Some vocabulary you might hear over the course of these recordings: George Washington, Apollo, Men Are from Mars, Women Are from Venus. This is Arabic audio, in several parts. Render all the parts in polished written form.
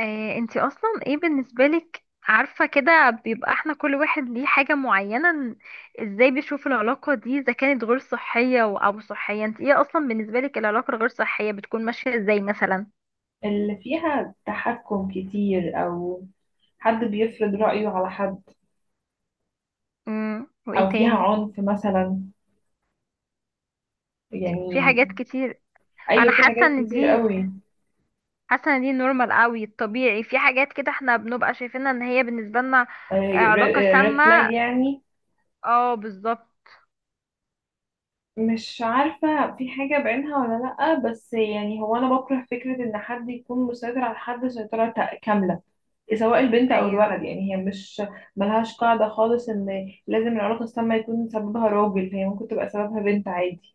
انتي اصلا ايه بالنسبة لك، عارفة كده بيبقى احنا كل واحد ليه حاجة معينة ازاي بيشوف العلاقة دي اذا كانت غير صحية او صحية؟ انت ايه اصلا بالنسبة لك العلاقة الغير صحية بتكون ماشية ازاي مثلا؟ اللي فيها تحكم كتير أو حد بيفرض رأيه على حد وايه أو فيها تاني؟ عنف مثلا في يعني. حاجات كتير. أيوة، انا في حاجات كتير قوي. حاسة ان دي نورمال قوي، الطبيعي في حاجات كده احنا بنبقى شايفينها ان هي بالنسبة لنا علاقة ريد سامة. فلاج يعني. اه، بالظبط. مش عارفة في حاجة بعينها ولا لأ، بس يعني هو أنا بكره فكرة إن حد يكون مسيطر على حد سيطرة كاملة، سواء البنت أو ايوه. الولد. يعني هي مش ملهاش قاعدة خالص إن لازم العلاقة السامة يكون سببها راجل، هي ممكن تبقى سببها بنت عادي.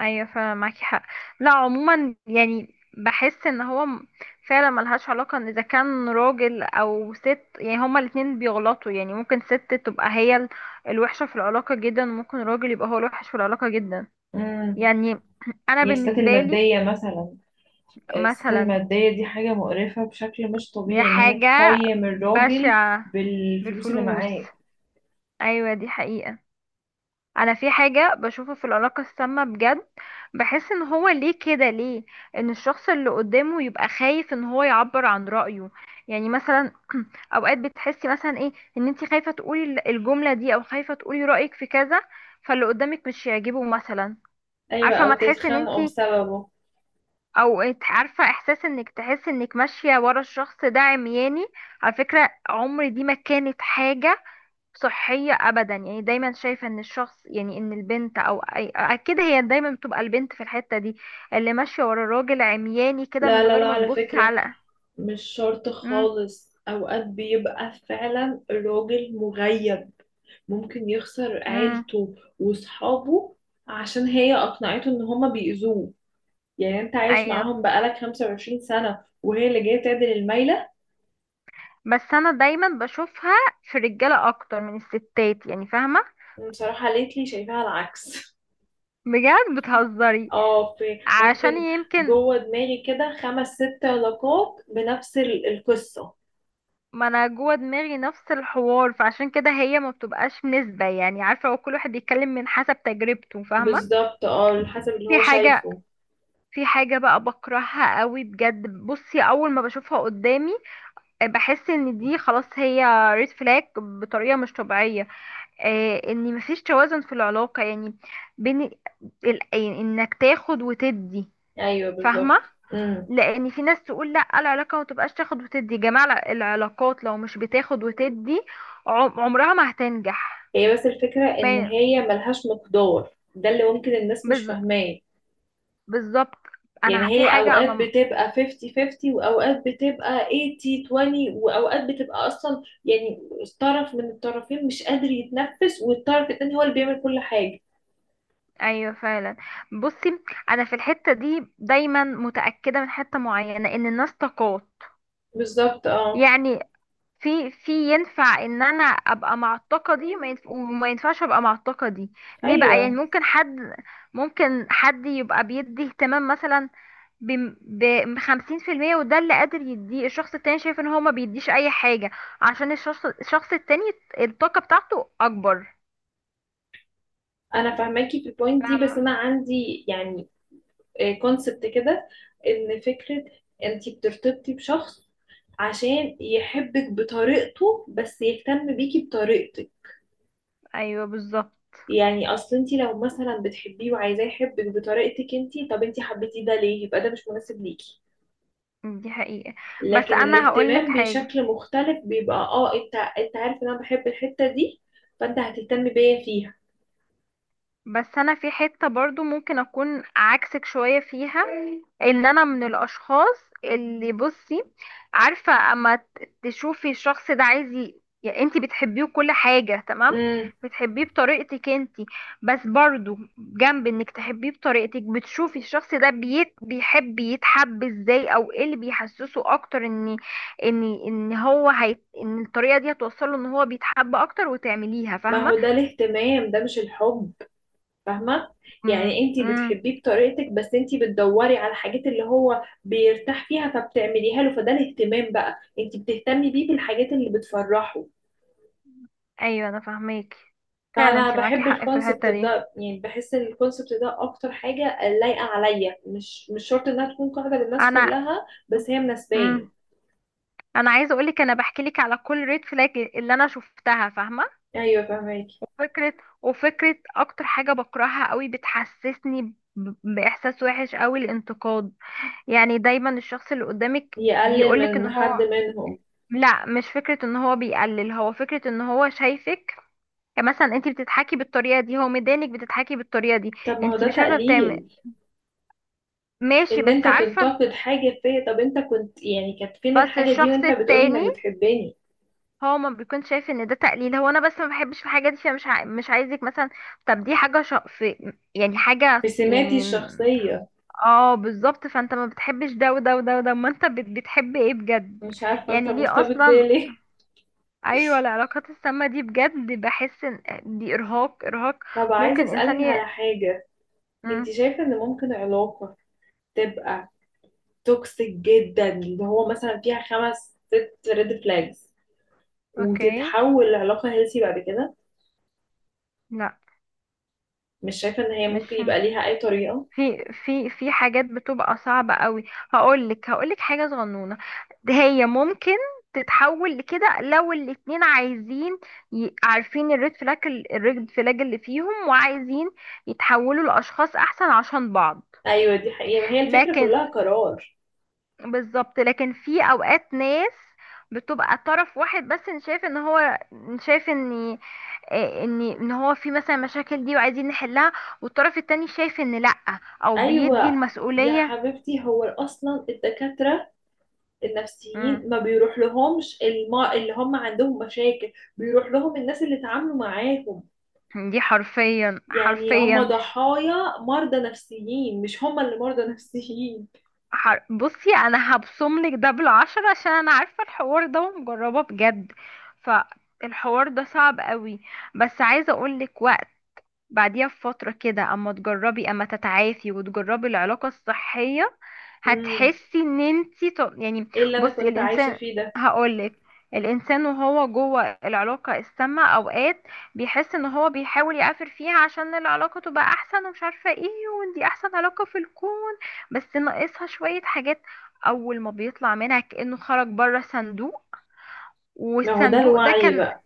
ايوه فعلا معاكي حق. لا، عموما يعني بحس ان هو فعلا ملهاش علاقة ان اذا كان راجل او ست، يعني هما الاتنين بيغلطوا، يعني ممكن ست تبقى هي الوحشة في العلاقة جدا، وممكن راجل يبقى هو الوحش في العلاقة جدا. امم يعني انا يستات بالنسبة لي المادية مثلا، الست مثلا المادية دي حاجة مقرفة بشكل مش دي طبيعي إن هي حاجة تقيم الراجل بشعة. بالفلوس اللي بالفلوس. معاه. ايوه دي حقيقة. انا في حاجة بشوفه في العلاقة السامة بجد، بحس ان هو ليه كده، ليه ان الشخص اللي قدامه يبقى خايف ان هو يعبر عن رأيه. يعني مثلا اوقات بتحسي مثلا ايه، ان انت خايفة تقولي الجملة دي، او خايفة تقولي رأيك في كذا فاللي قدامك مش يعجبه مثلا. ايوه عارفة ما او تحس ان انت، تتخانقوا بسببه. عارفة احساس انك تحس انك ماشية ورا الشخص ده عمياني. على فكرة عمري دي ما كانت حاجة صحية أبدا، يعني دايما شايفة إن الشخص، يعني إن البنت أو أي، أكيد هي دايما بتبقى البنت في الحتة دي، اللي ماشية ورا الراجل عمياني كده لا من لا غير لا، ما على تبص فكرة على. مش شرط امم خالص، اوقات بيبقى فعلا الراجل مغيب، ممكن يخسر امم عيلته وصحابه عشان هي اقنعته ان هما بيأذوه. يعني انت عايش أيوه. معاهم بقالك 25 سنة وهي اللي جاية تعدل الميلة. بس أنا دايما بشوفها في الرجالة أكتر من الستات، يعني فاهمة؟ بصراحة ليتلي شايفاها العكس بجد بتهزري؟ اه في عشان ممكن، يمكن، جوه دماغي كده خمس ست علاقات بنفس القصة. ما أنا جوه دماغي نفس الحوار، فعشان كده هي ما بتبقاش نسبة، يعني عارفة هو كل واحد بيتكلم من حسب تجربته، فاهمة؟ بالظبط اه، على حسب اللي في هو حاجة شايفه. في حاجة بقى بكرهها قوي بجد، بصي اول ما بشوفها قدامي، بحس ان دي خلاص هي ريد فلاج بطريقة مش طبيعية. ان مفيش توازن في العلاقة، يعني بين، يعني انك تاخد وتدي. ايوه فاهمة؟ بالظبط. لان في ناس تقول لا العلاقة ما تبقاش تاخد وتدي يا جماعة، العلاقات لو مش بتاخد وتدي عمرها ما هتنجح. هي بس الفكرة ان ما- هي ملهاش مقدار، ده اللي ممكن الناس مش بز- فاهماه. بالظبط. يعني انا في هي حاجة اوقات انا. بتبقى 50 50، واوقات بتبقى 80 20، واوقات بتبقى اصلا يعني طرف من الطرفين مش قادر يتنفس والطرف التاني هو اللي بيعمل كل حاجة. ايوه فعلا. بصي انا في الحته دي دايما متاكده من حته معينه ان الناس طاقات، بالظبط اه. يعني في، في، ينفع ان انا ابقى مع الطاقه دي، وما ينفعش ابقى مع الطاقه دي. ليه بقى؟ يعني ايوه ممكن حد يبقى بيدي اهتمام مثلا ب 50%، وده اللي قادر يديه، الشخص التاني شايف ان هو ما بيديش اي حاجه عشان الشخص التاني الطاقه بتاعته اكبر. انا فاهماكي في البوينت دي، بس فاهمه. انا عندي يعني كونسبت كده، ان فكره انتي بترتبطي بشخص عشان يحبك بطريقته، بس يهتم بيكي بطريقتك. ايوه بالظبط يعني اصل انتي لو مثلا بتحبيه وعايزاه يحبك بطريقتك انتي، طب انتي حبيتيه ده ليه؟ يبقى ده مش مناسب ليكي. دي حقيقه. بس لكن انا هقولك الاهتمام حاجه، بشكل مختلف بيبقى اه انت عارف ان انا بحب الحته دي، فانت هتهتم بيا فيها. بس انا في حتة برضو ممكن اكون عكسك شوية فيها، ان انا من الاشخاص اللي، بصي عارفة اما تشوفي الشخص ده عايز، يعني انتي بتحبيه كل حاجة تمام، امم بتحبيه بطريقتك انتي، بس برضو جنب انك تحبيه بطريقتك بتشوفي الشخص ده بيت بيحب يتحب ازاي، او ايه اللي بيحسسه اكتر ان هو هي، ان الطريقة دي هتوصله ان هو بيتحب اكتر، وتعمليها. ما هو فاهمة؟ ده الاهتمام، ده مش الحب، فاهمة؟ امم يعني انتي امم. بتحبيه بطريقتك، بس انتي بتدوري على الحاجات اللي هو بيرتاح فيها فبتعمليها له، فده الاهتمام بقى، انتي بتهتمي بيه بالحاجات اللي بتفرحه. ايوه انا فاهماكي. فعلا فانا انت معاكي بحب حق في الكونسبت الحته دي. ده، يعني بحس ان الكونسبت ده اكتر حاجة لايقة عليا، مش شرط انها تكون قاعدة للناس انا، كلها، بس هي امم، مناسباني. انا عايزه اقول لك، انا بحكي لك على كل ريد فلاج اللي انا شفتها. فاهمه؟ ايوه فاهماكي. وفكره وفكره اكتر حاجه بكرهها قوي بتحسسني باحساس وحش قوي، الانتقاد. يعني دايما الشخص اللي قدامك يقلل بيقولك ان من حد هو، منهم. لا مش فكره ان هو بيقلل، هو فكره ان هو شايفك، يعني مثلا انت بتضحكي بالطريقه دي هو مدانك بتضحكي بالطريقه دي، طب ما هو انت ده مش عارفه بتعمل. تقليل، ماشي، ان انت بس عارفه، تنتقد حاجة فيا؟ طب انت كنت يعني كانت فين بس الحاجة دي الشخص وانت بتقولي انك التاني بتحبني؟ هو ما بيكون شايف ان ده تقليل، هو انا بس ما بحبش في حاجه دي، فمش مش عايزك مثلا، طب دي حاجه في يعني في حاجه، سماتي يعني، الشخصية. اه بالظبط. فانت ما بتحبش ده وده وده وده، ما انت بتحب ايه بجد؟ مش عارفة انت يعني ليه مرتبط بيا اصلا؟ ليه. ايوه العلاقات السامه دي بجد بحس ان دي ارهاق، ارهاق. طب عايزة ممكن اسألك انسان على حاجة، انت مم. شايفة ان ممكن علاقة تبقى توكسيك جدا، اللي هو مثلا فيها خمس ست ريد فلاجز، اوكي. وتتحول لعلاقة هيلثي بعد كده؟ لا. مش شايفة ان هي ممكن مش، يبقى ليها اي طريقة. في، حاجات بتبقى صعبة قوي. هقولك حاجة صغنونة، هي ممكن تتحول لكده لو الاتنين عايزين، عارفين الريد فلاج اللي فيهم، وعايزين يتحولوا لأشخاص أحسن عشان بعض. ايوه دي حقيقة، ما هي الفكرة لكن، كلها قرار. بالظبط، لكن في أوقات ناس بتبقى طرف واحد بس، إن شايف ان هو، إن شايف ان ان هو في مثلا مشاكل دي وعايزين نحلها، والطرف التاني شايف ان لأ، او بيدي ايوه يا المسؤولية. حبيبتي، هو اصلا الدكاترة مم. النفسيين ما بيروح لهمش اللي هم عندهم مشاكل، بيروح لهم الناس اللي اتعاملوا معاهم. دي حرفيا، يعني هم حرفيا. ضحايا مرضى نفسيين، مش هم اللي مرضى نفسيين. بصي انا هبصم لك ده بالعشرة عشان انا عارفه الحوار ده ومجربه بجد، فالحوار ده صعب قوي، بس عايزه اقول لك، بعديها بفترة كده اما تجربي، اما تتعافي وتجربي العلاقة الصحية، امم هتحسي ان انتي يعني. ايه اللي انا بصي كنت عايشة الانسان، فيه ده. هقولك، الانسان وهو جوه العلاقة السامة اوقات بيحس ان هو بيحاول يعافر فيها عشان العلاقة تبقى احسن ومش عارفة ايه، وان دي احسن علاقة في الكون بس ناقصها شوية حاجات. اول ما بيطلع منها كأنه خرج بره صندوق، ما هو ده والصندوق ده الوعي كان، بقى.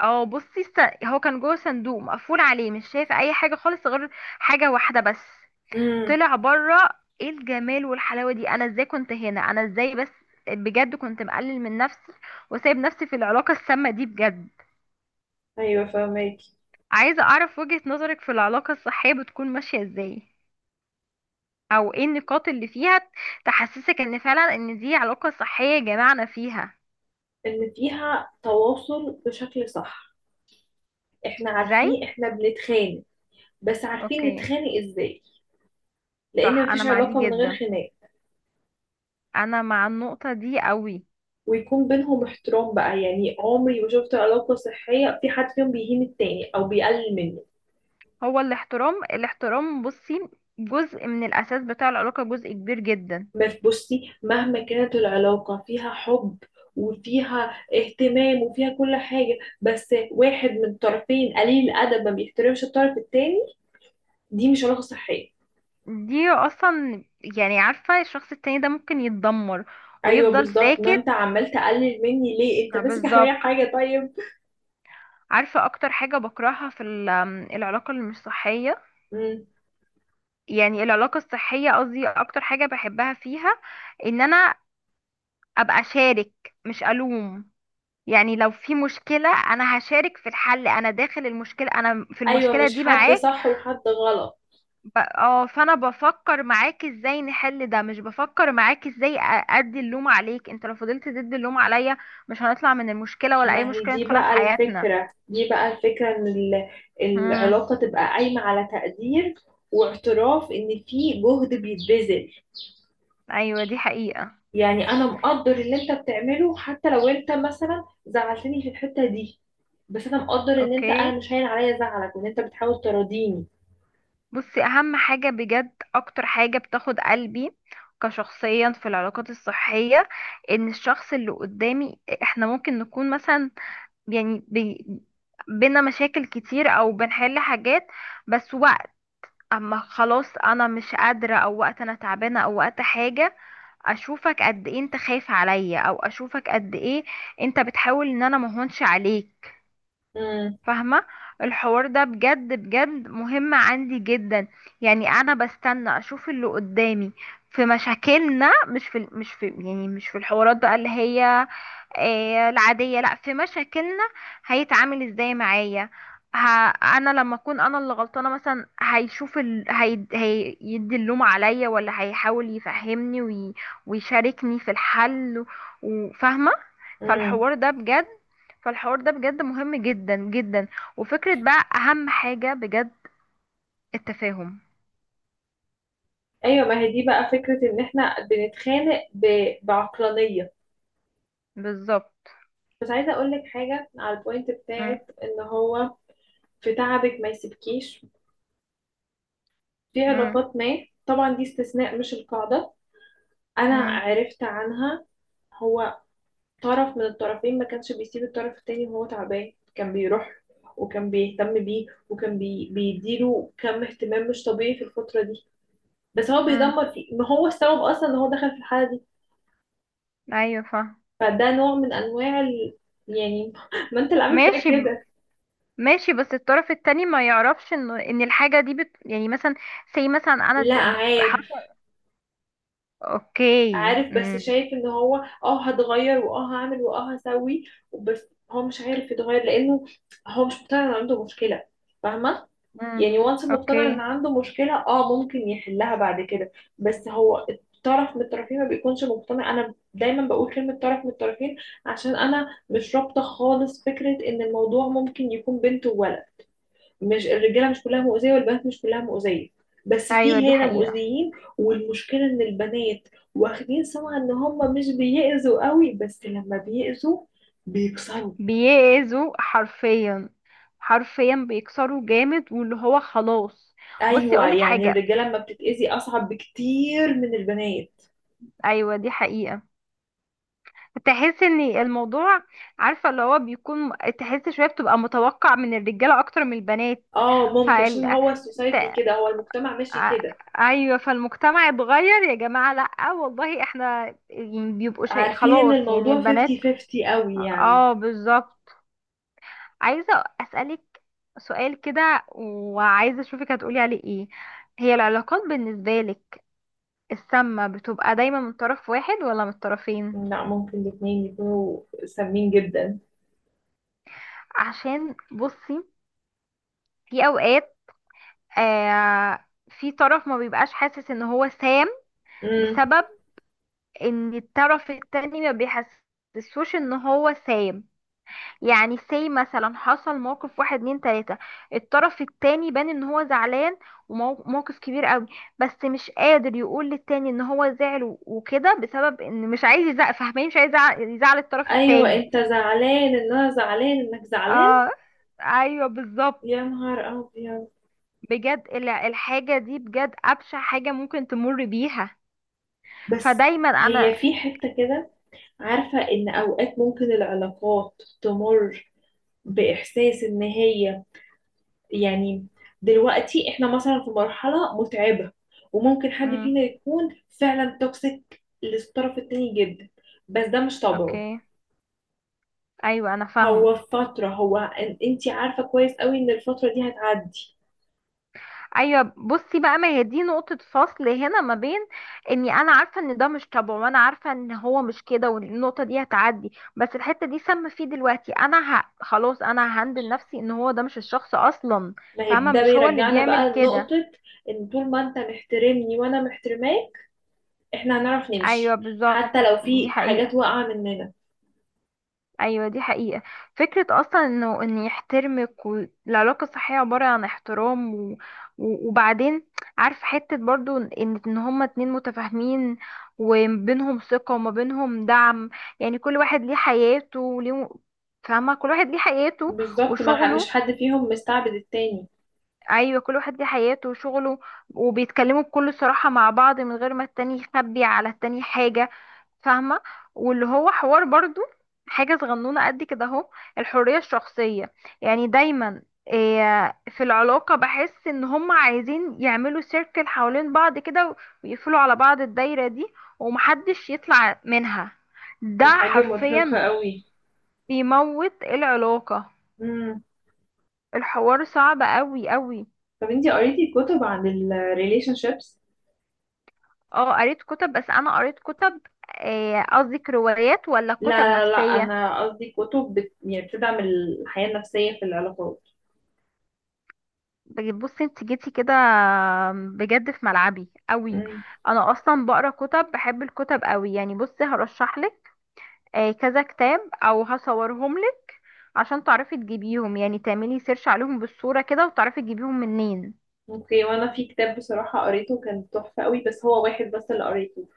اه بصي، هو كان جوه صندوق مقفول عليه مش شايف اي حاجه خالص غير حاجه واحده بس. امم طلع بره، ايه الجمال والحلاوه دي! انا ازاي كنت هنا؟ انا ازاي بس! بجد كنت مقلل من نفسي وسايب نفسي في العلاقه السامه دي بجد. ايوه فهماكي. عايزه اعرف وجهه نظرك في العلاقه الصحيه، بتكون ماشيه ازاي، او ايه النقاط اللي فيها تحسسك ان فعلا ان دي علاقه صحيه جمعنا فيها؟ ان فيها تواصل بشكل صح، احنا ازاي؟ عارفين احنا بنتخانق بس عارفين اوكي. نتخانق ازاي، لان صح، انا مفيش مع دي علاقة من غير جدا، خناق. انا مع النقطه دي قوي. ويكون بينهم احترام بقى، يعني عمري ما شفت علاقة صحية في حد فيهم بيهين التاني او بيقلل منه. هو الاحترام، الاحترام، بصي جزء من الأساس بتاع العلاقة، جزء كبير جدا. بس بصي، مهما كانت العلاقة فيها حب وفيها اهتمام وفيها كل حاجة، بس واحد من الطرفين قليل الأدب ما بيحترمش الطرف التاني، دي مش علاقة صحية. دي أصلا، يعني عارفة الشخص التاني ده ممكن يتدمر أيوة ويفضل بالظبط، إن أنت ساكت. عمال تقلل مني ليه؟ أنت ماسك عليا بالظبط. حاجة؟ طيب. عارفة أكتر حاجة بكرهها في ال- آم، العلاقة اللي مش صحية، مم. يعني العلاقة الصحية، قصدي أكتر حاجة بحبها فيها، إن أنا أبقى شارك مش ألوم. يعني لو في مشكلة، أنا هشارك في الحل، أنا داخل المشكلة، أنا في أيوة المشكلة مش دي حد معاك. صح وحد غلط. فانا بفكر معاك ازاي نحل ده، مش بفكر معاك ازاي ادي اللوم عليك. انت لو فضلت تدي اللوم عليا مش هنطلع من المشكلة، ولا اي ما هي مشكلة دي ندخلها في بقى حياتنا. الفكرة، دي بقى الفكرة إن امم. العلاقة تبقى قايمة على تقدير واعتراف إن في جهد بيتبذل. ايوه دي حقيقة. يعني انا مقدر اللي انت بتعمله حتى لو انت مثلا زعلتني في الحتة دي، بس انا مقدر ان انت اوكي. انا مش هين عليا زعلك، وان انت بتحاول تراضيني. بصي اهم حاجة بجد، اكتر حاجة بتاخد قلبي كشخصيا في العلاقات الصحية، ان الشخص اللي قدامي، احنا ممكن نكون مثلا، يعني بينا مشاكل كتير، او بنحل حاجات، بس وقت اما خلاص انا مش قادرة، او وقت انا تعبانة، او وقت حاجة، اشوفك قد ايه انت خايف عليا، او اشوفك قد ايه انت بتحاول ان انا مهونش عليك. امم فاهمة؟ الحوار ده بجد بجد مهم عندي جدا، يعني انا بستنى اشوف اللي قدامي في مشاكلنا، مش في، مش في، يعني مش في الحوارات بقى اللي هي إيه، العادية، لا، في مشاكلنا هيتعامل ازاي معايا. ه... انا لما اكون انا اللي غلطانة مثلا، هيشوف هيدي اللوم عليا، ولا هيحاول يفهمني ويشاركني في الحل، وفاهمة؟ امم فالحوار ده بجد فالحوار ده بجد مهم جدا جدا. وفكرة بقى اهم حاجة بجد، التفاهم. ايوه ما هي دي بقى فكرة ان احنا بنتخانق بعقلانية. بالظبط. بس عايزة اقول لك حاجة على البوينت مم. بتاعت ان هو في تعبك ما يسيبكيش، في مم. علاقات ما طبعا دي استثناء مش القاعدة، انا مم. عرفت عنها، هو طرف من الطرفين ما كانش بيسيب الطرف التاني وهو تعبان، كان بيروح وكان بيهتم بيه وكان بيديله كم اهتمام مش طبيعي في الفترة دي، بس هو مم. بيدمر فيه، ما هو السبب اصلا ان هو دخل في الحالة دي. ايوه فاهم. فده نوع من انواع يعني ما انت اللي عامل فيا ماشي. كده. ماشي، بس الطرف التاني ما يعرفش ان ان الحاجة دي يعني مثلا، سي مثلا انا لا عارف، اوكي، عارف، بس امم. شايف ان هو اه هتغير واه هعمل واه هسوي، بس هو مش عارف يتغير، لانه هو مش مقتنع ان عنده مشكلة، فاهمة؟ امم يعني وانس انه اقتنع اوكي. ان عنده مشكلة، اه ممكن يحلها بعد كده. بس هو الطرف من الطرفين ما بيكونش مقتنع. انا دايما بقول كلمة طرف من الطرفين عشان انا مش رابطة خالص فكرة ان الموضوع ممكن يكون بنت وولد، مش الرجالة مش كلها مؤذية والبنات مش كلها مؤذية، بس ايوه في دي هنا حقيقة. مؤذيين. والمشكلة ان البنات واخدين سمعة ان هم مش بيأذوا قوي، بس لما بيأذوا بيكسروا. بيأذوا حرفيا، حرفيا بيكسروا جامد واللي هو خلاص. بصي ايوه اقولك يعني حاجة. الرجاله لما بتتأذي اصعب بكتير من البنات. ايوه دي حقيقة. تحس ان الموضوع، عارفة اللي هو بيكون، تحس شوية بتبقى متوقع من الرجالة اكتر من البنات. اه ممكن، عشان فال... هو السوسايتي كده، هو المجتمع ماشي ع- كده. ايوه فالمجتمع اتغير يا جماعه، لا والله احنا يعني بيبقوا شيء عارفين ان خلاص يعني الموضوع 50 البنات. 50 قوي يعني. اه بالظبط. عايزه اسالك سؤال كده، وعايزه اشوفك هتقولي عليه ايه. هي العلاقات بالنسبه لك السامه بتبقى دايما من طرف واحد، ولا من الطرفين؟ لا ممكن الاتنين يكونوا سامين جدا. عشان بصي في اوقات، آه في طرف ما بيبقاش حاسس ان هو سام امم بسبب ان الطرف التاني ما بيحسسوش ان هو سام. يعني سي مثلا حصل موقف واحد اتنين تلاتة، الطرف التاني بان ان هو زعلان وموقف كبير قوي، بس مش قادر يقول للتاني ان هو زعل وكده بسبب ان مش عايز يزعل. فاهمين؟ مش عايز يزعل، يزعل الطرف ايوه التاني. انت زعلان ان انا زعلان انك زعلان. اه. ايوه بالظبط. يا نهار ابيض. بجد الحاجة دي بجد أبشع حاجة ممكن تمر بيها. بس فدايما انا. هي في حتة كده، عارفة ان اوقات ممكن العلاقات تمر باحساس ان هي يعني دلوقتي احنا مثلا في مرحلة متعبة، وممكن حد فينا امم. يكون فعلا توكسيك للطرف التاني جدا، بس ده مش طبعه، اوكي. ايوه انا فاهمة. هو فترة، هو انتي عارفة كويس قوي ان الفترة دي هتعدي. ايوه بصي بقى، ما هي دي نقطة فصل هنا ما بين، اني انا عارفة ان ده مش طبعه، وانا عارفة ان هو مش كده والنقطة دي هتعدي، بس الحتة دي سامة فيه دلوقتي، انا خلاص انا ههندل نفسي ان هو ده مش الشخص اصلا. ما هي فاهمة؟ ده مش هو اللي بيرجعنا بيعمل بقى كده. لنقطة ان طول ما انت محترمني وانا محترماك، احنا هنعرف ايوه نمشي بالظبط، حتى لو دي في حاجات حقيقة. واقعة مننا. ايوه دي حقيقة. فكرة اصلا انه ان يحترمك، والعلاقة الصحية عبارة عن احترام، وبعدين، عارف، حتة برضو ان هما اتنين متفاهمين، وما بينهم ثقة وما بينهم دعم، يعني كل واحد ليه حياته وليه، فاهمة؟ كل واحد ليه حياته بالظبط، ما ح- مش وشغله. حد فيهم مستعبد التاني. ايوه، كل واحد ليه حياته وشغله، وبيتكلموا بكل صراحة مع بعض من غير ما التاني يخبي على التاني حاجة. فاهمة؟ واللي هو حوار برضو، حاجة صغنونة قد كده اهو، الحرية الشخصية، يعني دايما في العلاقة بحس ان هم عايزين يعملوا سيركل حوالين بعض كده، ويقفلوا على بعض الدايرة دي ومحدش يطلع منها. ده دي حاجة مرهقة حرفيا قوي. بيموت العلاقة. الحوار صعب قوي قوي. طب انتي قريتي كتب عن الريليشن شيبس؟ اه قريت كتب، بس انا قريت كتب، قصدي روايات ولا لا كتب لا لا، نفسية؟ انا قصدي كتب يعني بتدعم الحياة النفسية في العلاقات. بصي انت جيتي كده بجد في ملعبي قوي. امم انا اصلا بقرا كتب، بحب الكتب قوي. يعني بصي هرشح لك كذا كتاب، او هصورهم لك عشان تعرفي تجيبيهم، يعني تعملي سيرش عليهم بالصورة كده وتعرفي تجيبيهم منين. اوكي، وانا في كتاب بصراحة قريته كان تحفة قوي، بس هو واحد بس اللي قريته،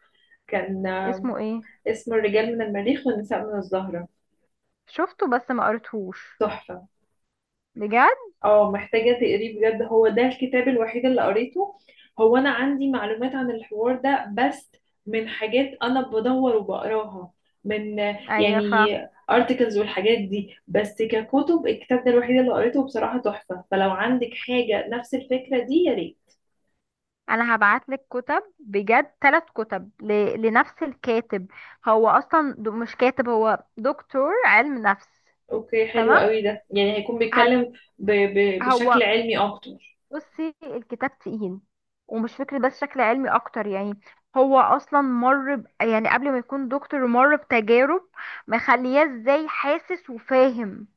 كان آه، اسمه ايه؟ اسمه الرجال من المريخ والنساء من الزهرة، شفته بس ما قريتهوش. تحفة. بجد؟ اه محتاجة تقريه بجد، هو ده الكتاب الوحيد اللي قريته. هو أنا عندي معلومات عن الحوار ده بس من حاجات أنا بدور وبقراها، من ايوه يعني articles والحاجات دي، بس ككتب الكتاب ده الوحيد اللي قريته بصراحة تحفة، فلو عندك حاجة نفس الفكرة دي يا ريت. انا هبعت لك كتب بجد، ثلاث كتب لنفس الكاتب. هو اصلا مش كاتب، هو دكتور علم نفس. اوكي حلو تمام. قوي، ده يعني هيكون هت... بيتكلم بشكل هو علمي اكتر. بصي الكتاب تقيل، ومش فكرة بس شكل علمي اكتر يعني. هو اصلا مر يعني قبل ما يكون دكتور مر بتجارب مخلياه ازاي حاسس وفاهم.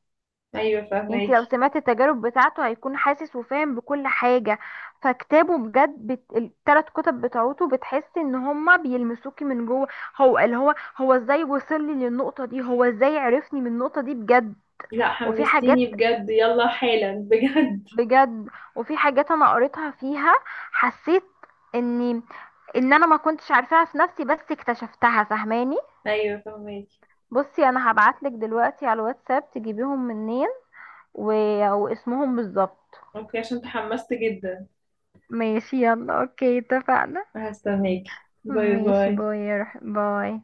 ايوه انت لو فهماكي. سمعت التجارب بتاعته هيكون حاسس وفاهم بكل حاجة، فكتابه بجد التلات كتب بتاعته بتحس ان هما بيلمسوكي من جوه. هو اللي هو، هو ازاي وصل لي للنقطة دي، هو ازاي عرفني من النقطة دي بجد. لا وفي حاجات حمستيني بجد، يلا حالا بجد. بجد، وفي حاجات انا قريتها فيها، حسيت اني، ان انا ما كنتش عارفاها في نفسي بس اكتشفتها. فاهماني؟ ايوه فهماكي. بصي انا هبعتلك دلوقتي على الواتساب تجيبيهم منين، و، واسمهم بالظبط. اوكي عشان تحمست جدا. ماشي، يلا اوكي، اتفقنا. هستناكي، باي ماشي باي. باي يا باي.